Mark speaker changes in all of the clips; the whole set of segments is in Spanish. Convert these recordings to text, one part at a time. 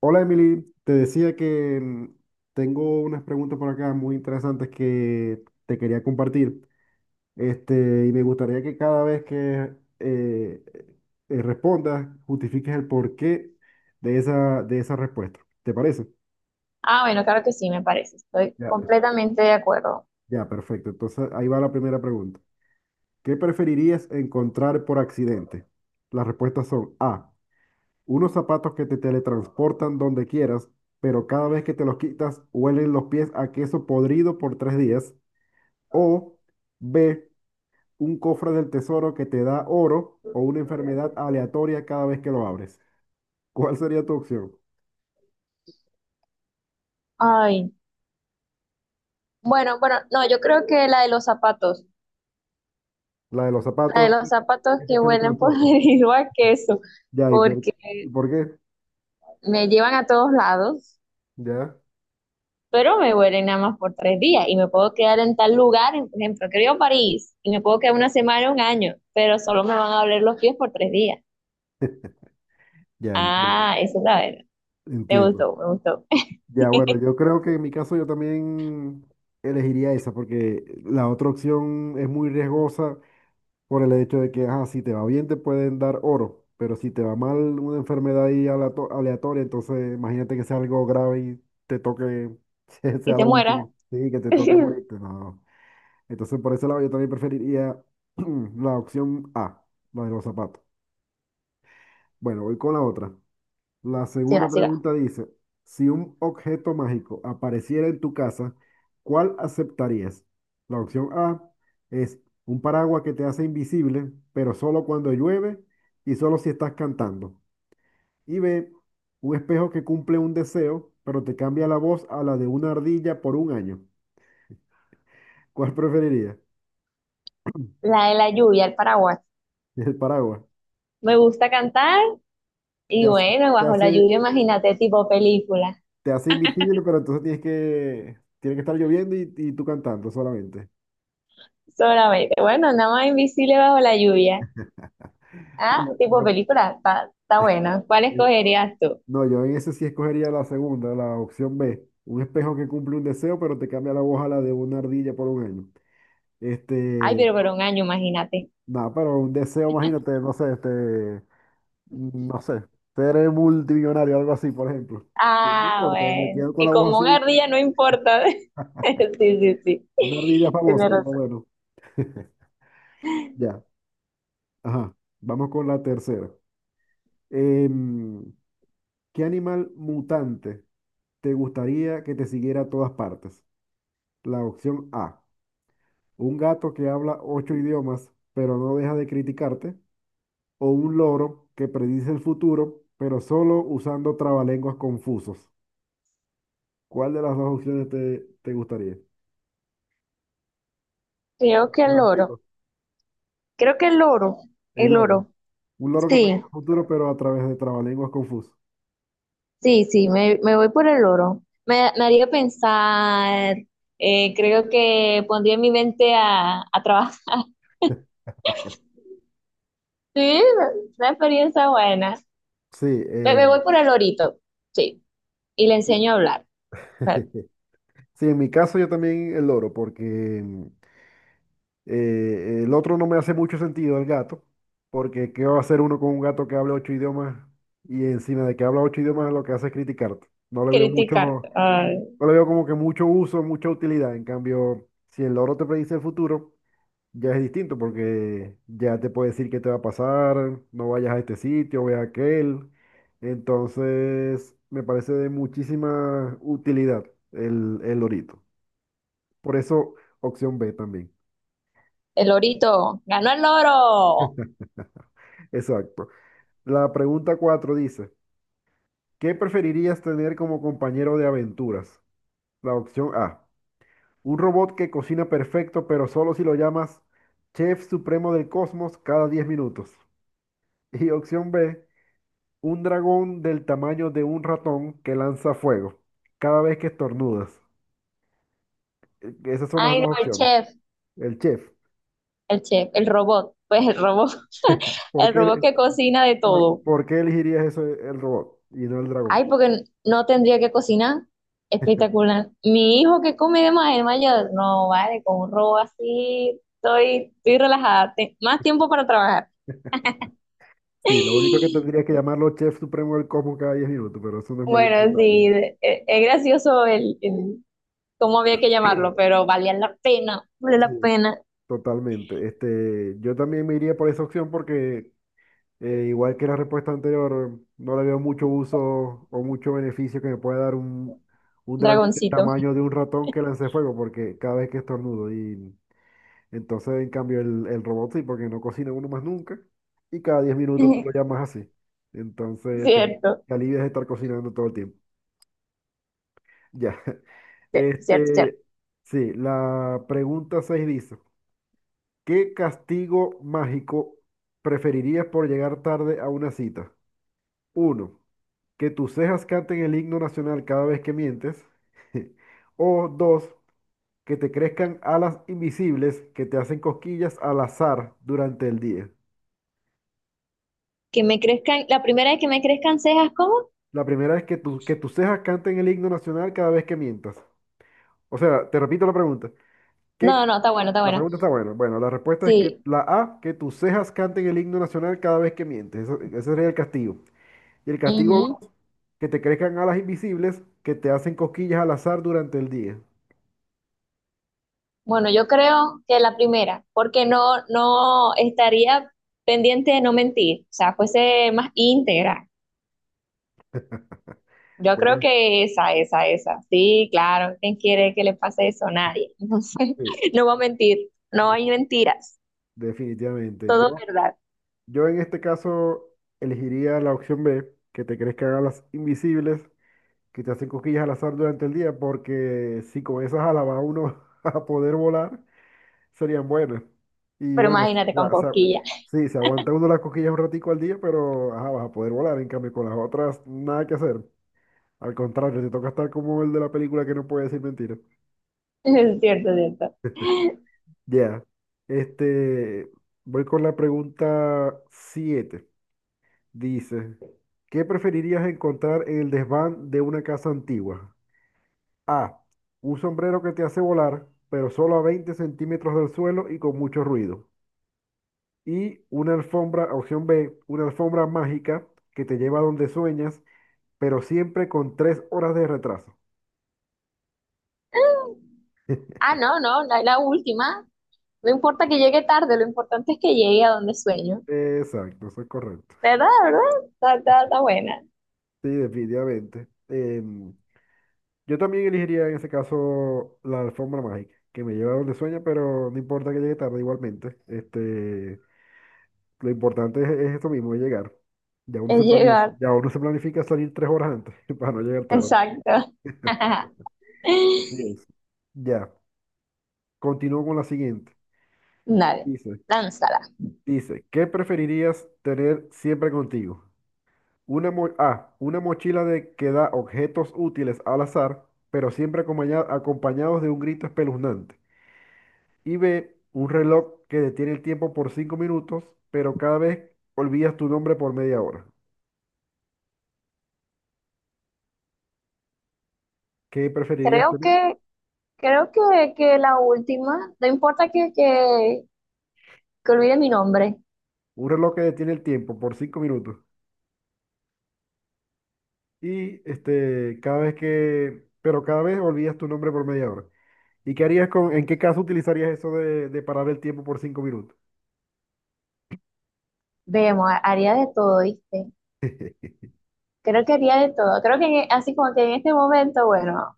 Speaker 1: Hola Emily, te decía que tengo unas preguntas por acá muy interesantes que te quería compartir. Este, y me gustaría que cada vez que eh, respondas, justifiques el porqué de esa respuesta. ¿Te parece?
Speaker 2: Ah, bueno, claro que sí, me parece. Estoy
Speaker 1: Ya.
Speaker 2: completamente de acuerdo.
Speaker 1: Ya, perfecto. Entonces ahí va la primera pregunta. ¿Qué preferirías encontrar por accidente? Las respuestas son A, unos zapatos que te teletransportan donde quieras, pero cada vez que te los quitas, huelen los pies a queso podrido por 3 días. O B, un cofre del tesoro que te da oro o una enfermedad aleatoria cada vez que lo abres. ¿Cuál sería tu opción?
Speaker 2: Ay, bueno, bueno, no, yo creo que la de los zapatos,
Speaker 1: La de los
Speaker 2: la de
Speaker 1: zapatos
Speaker 2: los zapatos
Speaker 1: que te
Speaker 2: que huelen por
Speaker 1: teletransportan.
Speaker 2: debido a queso,
Speaker 1: Ya, ¿y por,
Speaker 2: porque
Speaker 1: y por qué?
Speaker 2: me llevan a todos lados,
Speaker 1: Ya,
Speaker 2: pero me huelen nada más por 3 días y me puedo quedar en tal lugar, por ejemplo, que París y me puedo quedar una semana, un año, pero solo me van a oler los pies por 3 días.
Speaker 1: ya entiendo,
Speaker 2: Ah, eso es la verdad. Me
Speaker 1: entiendo.
Speaker 2: gustó, me gustó.
Speaker 1: Ya, bueno, yo creo que en mi caso yo también elegiría esa porque la otra opción es muy riesgosa por el hecho de que, ajá, si te va bien te pueden dar oro, pero si te va mal una enfermedad ahí aleatoria, entonces imagínate que sea algo grave y te toque, que
Speaker 2: Y
Speaker 1: sea
Speaker 2: te
Speaker 1: lo
Speaker 2: mueras.
Speaker 1: último, sí, que te toque morirte. No, no, no. Entonces por ese lado yo también preferiría la opción A, la de los zapatos. Bueno, voy con la otra. La
Speaker 2: Sí,
Speaker 1: segunda
Speaker 2: siga.
Speaker 1: pregunta dice, si un objeto mágico apareciera en tu casa, ¿cuál aceptarías? La opción A es un paraguas que te hace invisible, pero solo cuando llueve y solo si estás cantando. Y B, un espejo que cumple un deseo, pero te cambia la voz a la de una ardilla por un año. ¿Cuál preferirías?
Speaker 2: La de la lluvia, el paraguas.
Speaker 1: El paraguas.
Speaker 2: Me gusta cantar
Speaker 1: Te
Speaker 2: y
Speaker 1: hace,
Speaker 2: bueno,
Speaker 1: te
Speaker 2: bajo la
Speaker 1: hace,
Speaker 2: lluvia, imagínate, tipo película,
Speaker 1: te hace invisible, pero entonces tiene que estar lloviendo y tú cantando solamente.
Speaker 2: solamente. Bueno, nada más invisible bajo la lluvia. Ah,
Speaker 1: Bueno,
Speaker 2: tipo película, está bueno. ¿Cuál
Speaker 1: eh,
Speaker 2: escogerías tú?
Speaker 1: no, yo en ese sí escogería la segunda, la opción B. Un espejo que cumple un deseo, pero te cambia la voz a la de una ardilla por un año.
Speaker 2: Ay,
Speaker 1: Este,
Speaker 2: pero por un año, imagínate.
Speaker 1: nada, pero un deseo, imagínate, no sé, este, no sé, ser multimillonario, algo así, por ejemplo. No
Speaker 2: Ah,
Speaker 1: importa, me
Speaker 2: bueno.
Speaker 1: quedo con
Speaker 2: Y
Speaker 1: la voz
Speaker 2: como una
Speaker 1: así,
Speaker 2: ardilla no importa. Sí, sí,
Speaker 1: una ardilla
Speaker 2: sí. Tienes
Speaker 1: famosa, por lo
Speaker 2: razón.
Speaker 1: menos. Ya, ajá. Vamos con la tercera. Em, ¿Qué animal mutante te gustaría que te siguiera a todas partes? La opción A, un gato que habla ocho idiomas, pero no deja de criticarte, o un loro que predice el futuro, pero solo usando trabalenguas confusos. ¿Cuál de las dos opciones te gustaría? Te
Speaker 2: Creo que el
Speaker 1: las
Speaker 2: oro.
Speaker 1: repito.
Speaker 2: Creo que el oro.
Speaker 1: El
Speaker 2: El
Speaker 1: loro.
Speaker 2: oro.
Speaker 1: Un loro que
Speaker 2: Sí.
Speaker 1: predice el futuro, pero a través de trabalenguas confusos.
Speaker 2: Sí, sí, me voy por el oro. Me haría pensar, creo que pondría mi mente a trabajar. Sí, una experiencia buena.
Speaker 1: Sí,
Speaker 2: Me, me voy por el orito, sí, y le enseño a hablar, a
Speaker 1: sí, en mi caso yo también el loro, porque el otro no me hace mucho sentido, el gato, porque ¿qué va a hacer uno con un gato que habla ocho idiomas y encima de que habla ocho idiomas lo que hace es criticarte? No le veo
Speaker 2: criticar.
Speaker 1: mucho,
Speaker 2: Ay,
Speaker 1: no le veo como que mucho uso, mucha utilidad. En cambio, si el loro te predice el futuro, ya es distinto porque ya te puede decir qué te va a pasar, no vayas a este sitio, ve a aquel. Entonces, me parece de muchísima utilidad el lorito. Por eso, opción B también.
Speaker 2: el orito, ganó el oro.
Speaker 1: Exacto. La pregunta 4 dice, ¿qué preferirías tener como compañero de aventuras? La opción A, un robot que cocina perfecto, pero solo si lo llamas Chef Supremo del Cosmos cada 10 minutos. Y opción B, un dragón del tamaño de un ratón que lanza fuego cada vez que estornudas. Esas son las
Speaker 2: Ay, no,
Speaker 1: dos
Speaker 2: el
Speaker 1: opciones.
Speaker 2: chef,
Speaker 1: El chef.
Speaker 2: el chef, el robot, pues el
Speaker 1: Po-
Speaker 2: robot,
Speaker 1: ¿Por
Speaker 2: el robot
Speaker 1: qué,
Speaker 2: que cocina de
Speaker 1: por,
Speaker 2: todo.
Speaker 1: por qué elegirías eso, el robot y no el dragón?
Speaker 2: Ay, porque no tendría que cocinar. Espectacular. Mi hijo que come de más, el mayor, no vale, con un robo así, estoy relajada. Más tiempo para trabajar.
Speaker 1: Sí, lo único que tendrías que llamarlo Chef Supremo del Cosmos cada 10 minutos, pero eso no es mayor
Speaker 2: Bueno,
Speaker 1: detalle.
Speaker 2: sí, es gracioso el cómo había que llamarlo, pero valía la pena, vale la
Speaker 1: Sí,
Speaker 2: pena,
Speaker 1: totalmente. Este, yo también me iría por esa opción porque igual que la respuesta anterior, no le veo mucho uso o mucho beneficio que me pueda dar un dragón del
Speaker 2: dragoncito.
Speaker 1: tamaño de un ratón que lance fuego porque cada vez que estornudo. Y entonces, en cambio, el robot sí, porque no cocina uno más nunca y cada 10 minutos tú lo llamas así. Entonces,
Speaker 2: Cierto,
Speaker 1: te alivias de estar cocinando todo el tiempo. Ya.
Speaker 2: cierto, cierto, cierto.
Speaker 1: Este, sí, la pregunta 6 dice. ¿Qué castigo mágico preferirías por llegar tarde a una cita? Uno, que tus cejas canten el himno nacional cada vez que mientes. O 2, que te crezcan alas invisibles que te hacen cosquillas al azar durante el día.
Speaker 2: La primera vez que me crezcan cejas, ¿cómo?
Speaker 1: La primera es que tus cejas canten el himno nacional cada vez que mientas. O sea, te repito la pregunta.
Speaker 2: No,
Speaker 1: ¿Qué?
Speaker 2: no, está bueno, está
Speaker 1: La
Speaker 2: bueno.
Speaker 1: pregunta está buena. Bueno, la respuesta es que
Speaker 2: Sí.
Speaker 1: la A, que tus cejas canten el himno nacional cada vez que mientes. Ese sería el castigo. Y el castigo dos, que te crezcan alas invisibles que te hacen cosquillas al azar durante el día.
Speaker 2: Bueno, yo creo que la primera, porque no, no estaría pendiente de no mentir, o sea, fuese más íntegra. Yo creo
Speaker 1: Bueno,
Speaker 2: que esa, esa, esa. Sí, claro, ¿quién quiere que le pase eso? Nadie. Entonces,
Speaker 1: sí,
Speaker 2: no va a mentir, no hay
Speaker 1: de-
Speaker 2: mentiras,
Speaker 1: definitivamente.
Speaker 2: todo es
Speaker 1: Yo,
Speaker 2: verdad.
Speaker 1: yo en este caso elegiría la opción B, que te crezcan alas invisibles que te hacen cosquillas al azar durante el día, porque si con esas alas va uno a poder volar, serían buenas. Y
Speaker 2: Pero
Speaker 1: bueno,
Speaker 2: imagínate
Speaker 1: o
Speaker 2: con
Speaker 1: sea,
Speaker 2: cosquillas,
Speaker 1: sí, se aguanta uno las cosquillas un ratico al día, pero ajá, vas a poder volar. En cambio, con las otras, nada que hacer. Al contrario, te toca estar como el de la película que no puede decir mentiras.
Speaker 2: es cierto, es cierto.
Speaker 1: Ya. Este, voy con la pregunta siete. Dice, ¿qué preferirías encontrar en el desván de una casa antigua? A, un sombrero que te hace volar, pero solo a 20 centímetros del suelo y con mucho ruido. Y una alfombra, opción B, una alfombra mágica que te lleva a donde sueñas, pero siempre con 3 horas de retraso.
Speaker 2: Ah, no, no, la última. No importa que llegue tarde, lo importante es que llegue a donde sueño.
Speaker 1: Exacto, eso es correcto.
Speaker 2: ¿Verdad? ¿Verdad? Está, está, está buena.
Speaker 1: Sí, definitivamente. Yo también elegiría en ese caso la alfombra mágica, que me lleva a donde sueña, pero no importa que llegue tarde igualmente. Este, lo importante es eso mismo, es llegar. Ya uno
Speaker 2: Es
Speaker 1: se planifica,
Speaker 2: llegar.
Speaker 1: ya uno se planifica salir 3 horas antes para no llegar tarde.
Speaker 2: Exacto.
Speaker 1: Así es. Ya, continúo con la siguiente.
Speaker 2: Dale,
Speaker 1: Dice,
Speaker 2: lánzala.
Speaker 1: dice, ¿qué preferirías tener siempre contigo? A, una mochila de que da objetos útiles al azar, pero siempre acompañados de un grito espeluznante. Y ve un reloj que detiene el tiempo por 5 minutos, pero cada vez olvidas tu nombre por media hora. ¿Qué preferirías
Speaker 2: Creo
Speaker 1: tener?
Speaker 2: que, creo que, que la última, no importa que olvide mi nombre,
Speaker 1: Un reloj que detiene el tiempo por 5 minutos y este, pero cada vez olvidas tu nombre por media hora. ¿Y qué harías en qué caso utilizarías eso de parar el tiempo por 5 minutos?
Speaker 2: vemos, haría de todo, ¿viste? Creo que haría de todo. Creo que así como que en este momento, bueno,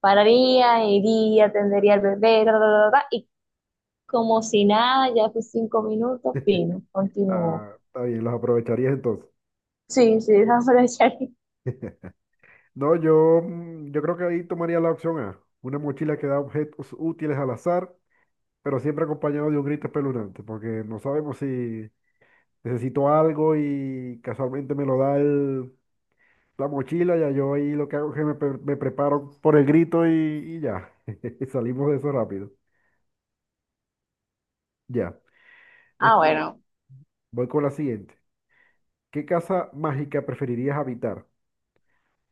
Speaker 2: pararía, iría, atendería al bebé, ta, ta, ta, ta, y como si nada, ya fue 5 minutos, fino, continuó.
Speaker 1: Ah, está bien, los aprovecharías entonces.
Speaker 2: Sí, sí, esa fue la charla.
Speaker 1: No, yo creo que ahí tomaría la opción A, una mochila que da objetos útiles al azar, pero siempre acompañado de un grito espeluznante, porque no sabemos si necesito algo y casualmente me lo da la mochila. Ya yo ahí lo que hago es que me preparo por el grito y ya, salimos de eso rápido. Ya,
Speaker 2: Ah,
Speaker 1: este,
Speaker 2: bueno.
Speaker 1: voy con la siguiente. ¿Qué casa mágica preferirías habitar?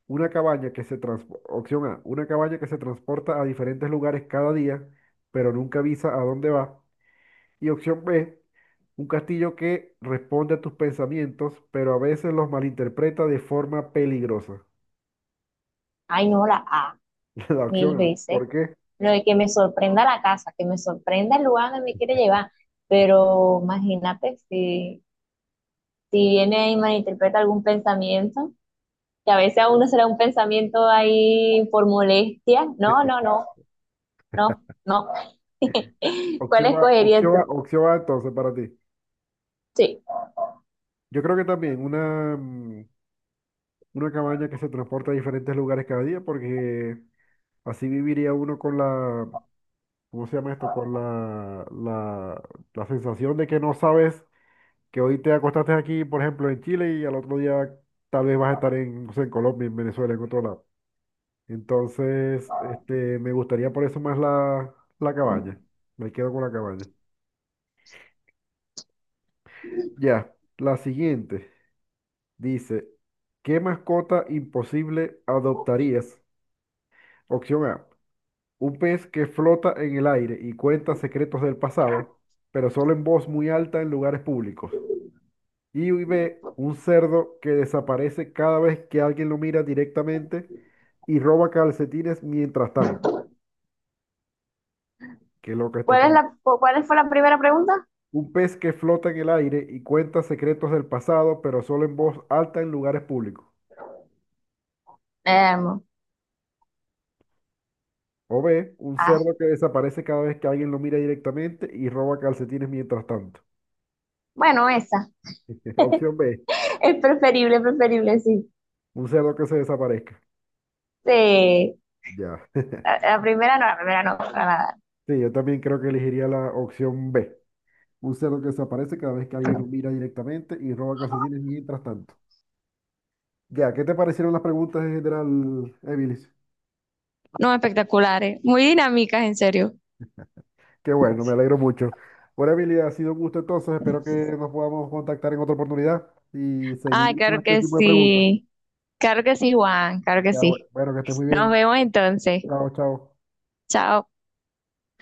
Speaker 1: Una cabaña que se transporta, opción A, una cabaña que se transporta a diferentes lugares cada día, pero nunca avisa a dónde va. Y opción B, un castillo que responde a tus pensamientos, pero a veces los malinterpreta de forma peligrosa.
Speaker 2: Ay, no, la A,
Speaker 1: La
Speaker 2: mil
Speaker 1: opción A.
Speaker 2: veces.
Speaker 1: ¿Por qué?
Speaker 2: Lo de que me sorprenda la casa, que me sorprenda el lugar donde me quiere llevar. Pero imagínate si viene y malinterpreta algún pensamiento, que a veces a uno será un pensamiento ahí por molestia. No, no, no, no, no. ¿Cuál
Speaker 1: Opción A,
Speaker 2: escogerías
Speaker 1: opción A,
Speaker 2: tú?
Speaker 1: opción A entonces para ti.
Speaker 2: Sí.
Speaker 1: Yo creo que también una cabaña que se transporta a diferentes lugares cada día, porque así viviría uno con la, ¿cómo se llama esto? Con la sensación de que no sabes que hoy te acostaste aquí, por ejemplo, en Chile y al otro día tal vez vas a estar en, no sé, en Colombia, en Venezuela, en otro lado. Entonces, este, me gustaría por eso más la cabaña. Me quedo con la cabaña. Ya, la siguiente dice, ¿qué mascota imposible adoptarías? Opción A, un pez que flota en el aire y cuenta secretos del pasado, pero solo en voz muy alta en lugares públicos. Y B, un cerdo que desaparece cada vez que alguien lo mira directamente y roba calcetines mientras tanto. Qué loca esta.
Speaker 2: ¿Cuál es cuál fue la primera pregunta?
Speaker 1: Un pez que flota en el aire y cuenta secretos del pasado, pero solo en voz alta en lugares públicos.
Speaker 2: Em,
Speaker 1: O B, un
Speaker 2: ah,
Speaker 1: cerdo que desaparece cada vez que alguien lo mira directamente y roba calcetines mientras tanto.
Speaker 2: bueno, esa.
Speaker 1: Opción B,
Speaker 2: Es preferible, preferible, sí.
Speaker 1: un cerdo que se desaparezca.
Speaker 2: Sí.
Speaker 1: Ya.
Speaker 2: La, la primera no, la primera no, para nada.
Speaker 1: Sí, yo también creo que elegiría la opción B. Un cerdo que desaparece cada vez que alguien lo mira directamente y roba calcetines mientras tanto. Ya, ¿qué te parecieron las preguntas en general, Emilis?
Speaker 2: No, espectaculares, muy dinámicas, en serio.
Speaker 1: Qué bueno, me alegro mucho. Bueno, Emilia, ha sido un gusto entonces. Espero que nos podamos contactar en otra oportunidad y
Speaker 2: Ay,
Speaker 1: seguir con
Speaker 2: claro
Speaker 1: este
Speaker 2: que
Speaker 1: tipo de preguntas.
Speaker 2: sí. Claro que sí, Juan. Claro que
Speaker 1: Ya, bueno,
Speaker 2: sí.
Speaker 1: bueno, que estés muy
Speaker 2: Nos
Speaker 1: bien.
Speaker 2: vemos entonces.
Speaker 1: Chao, chao.
Speaker 2: Chao.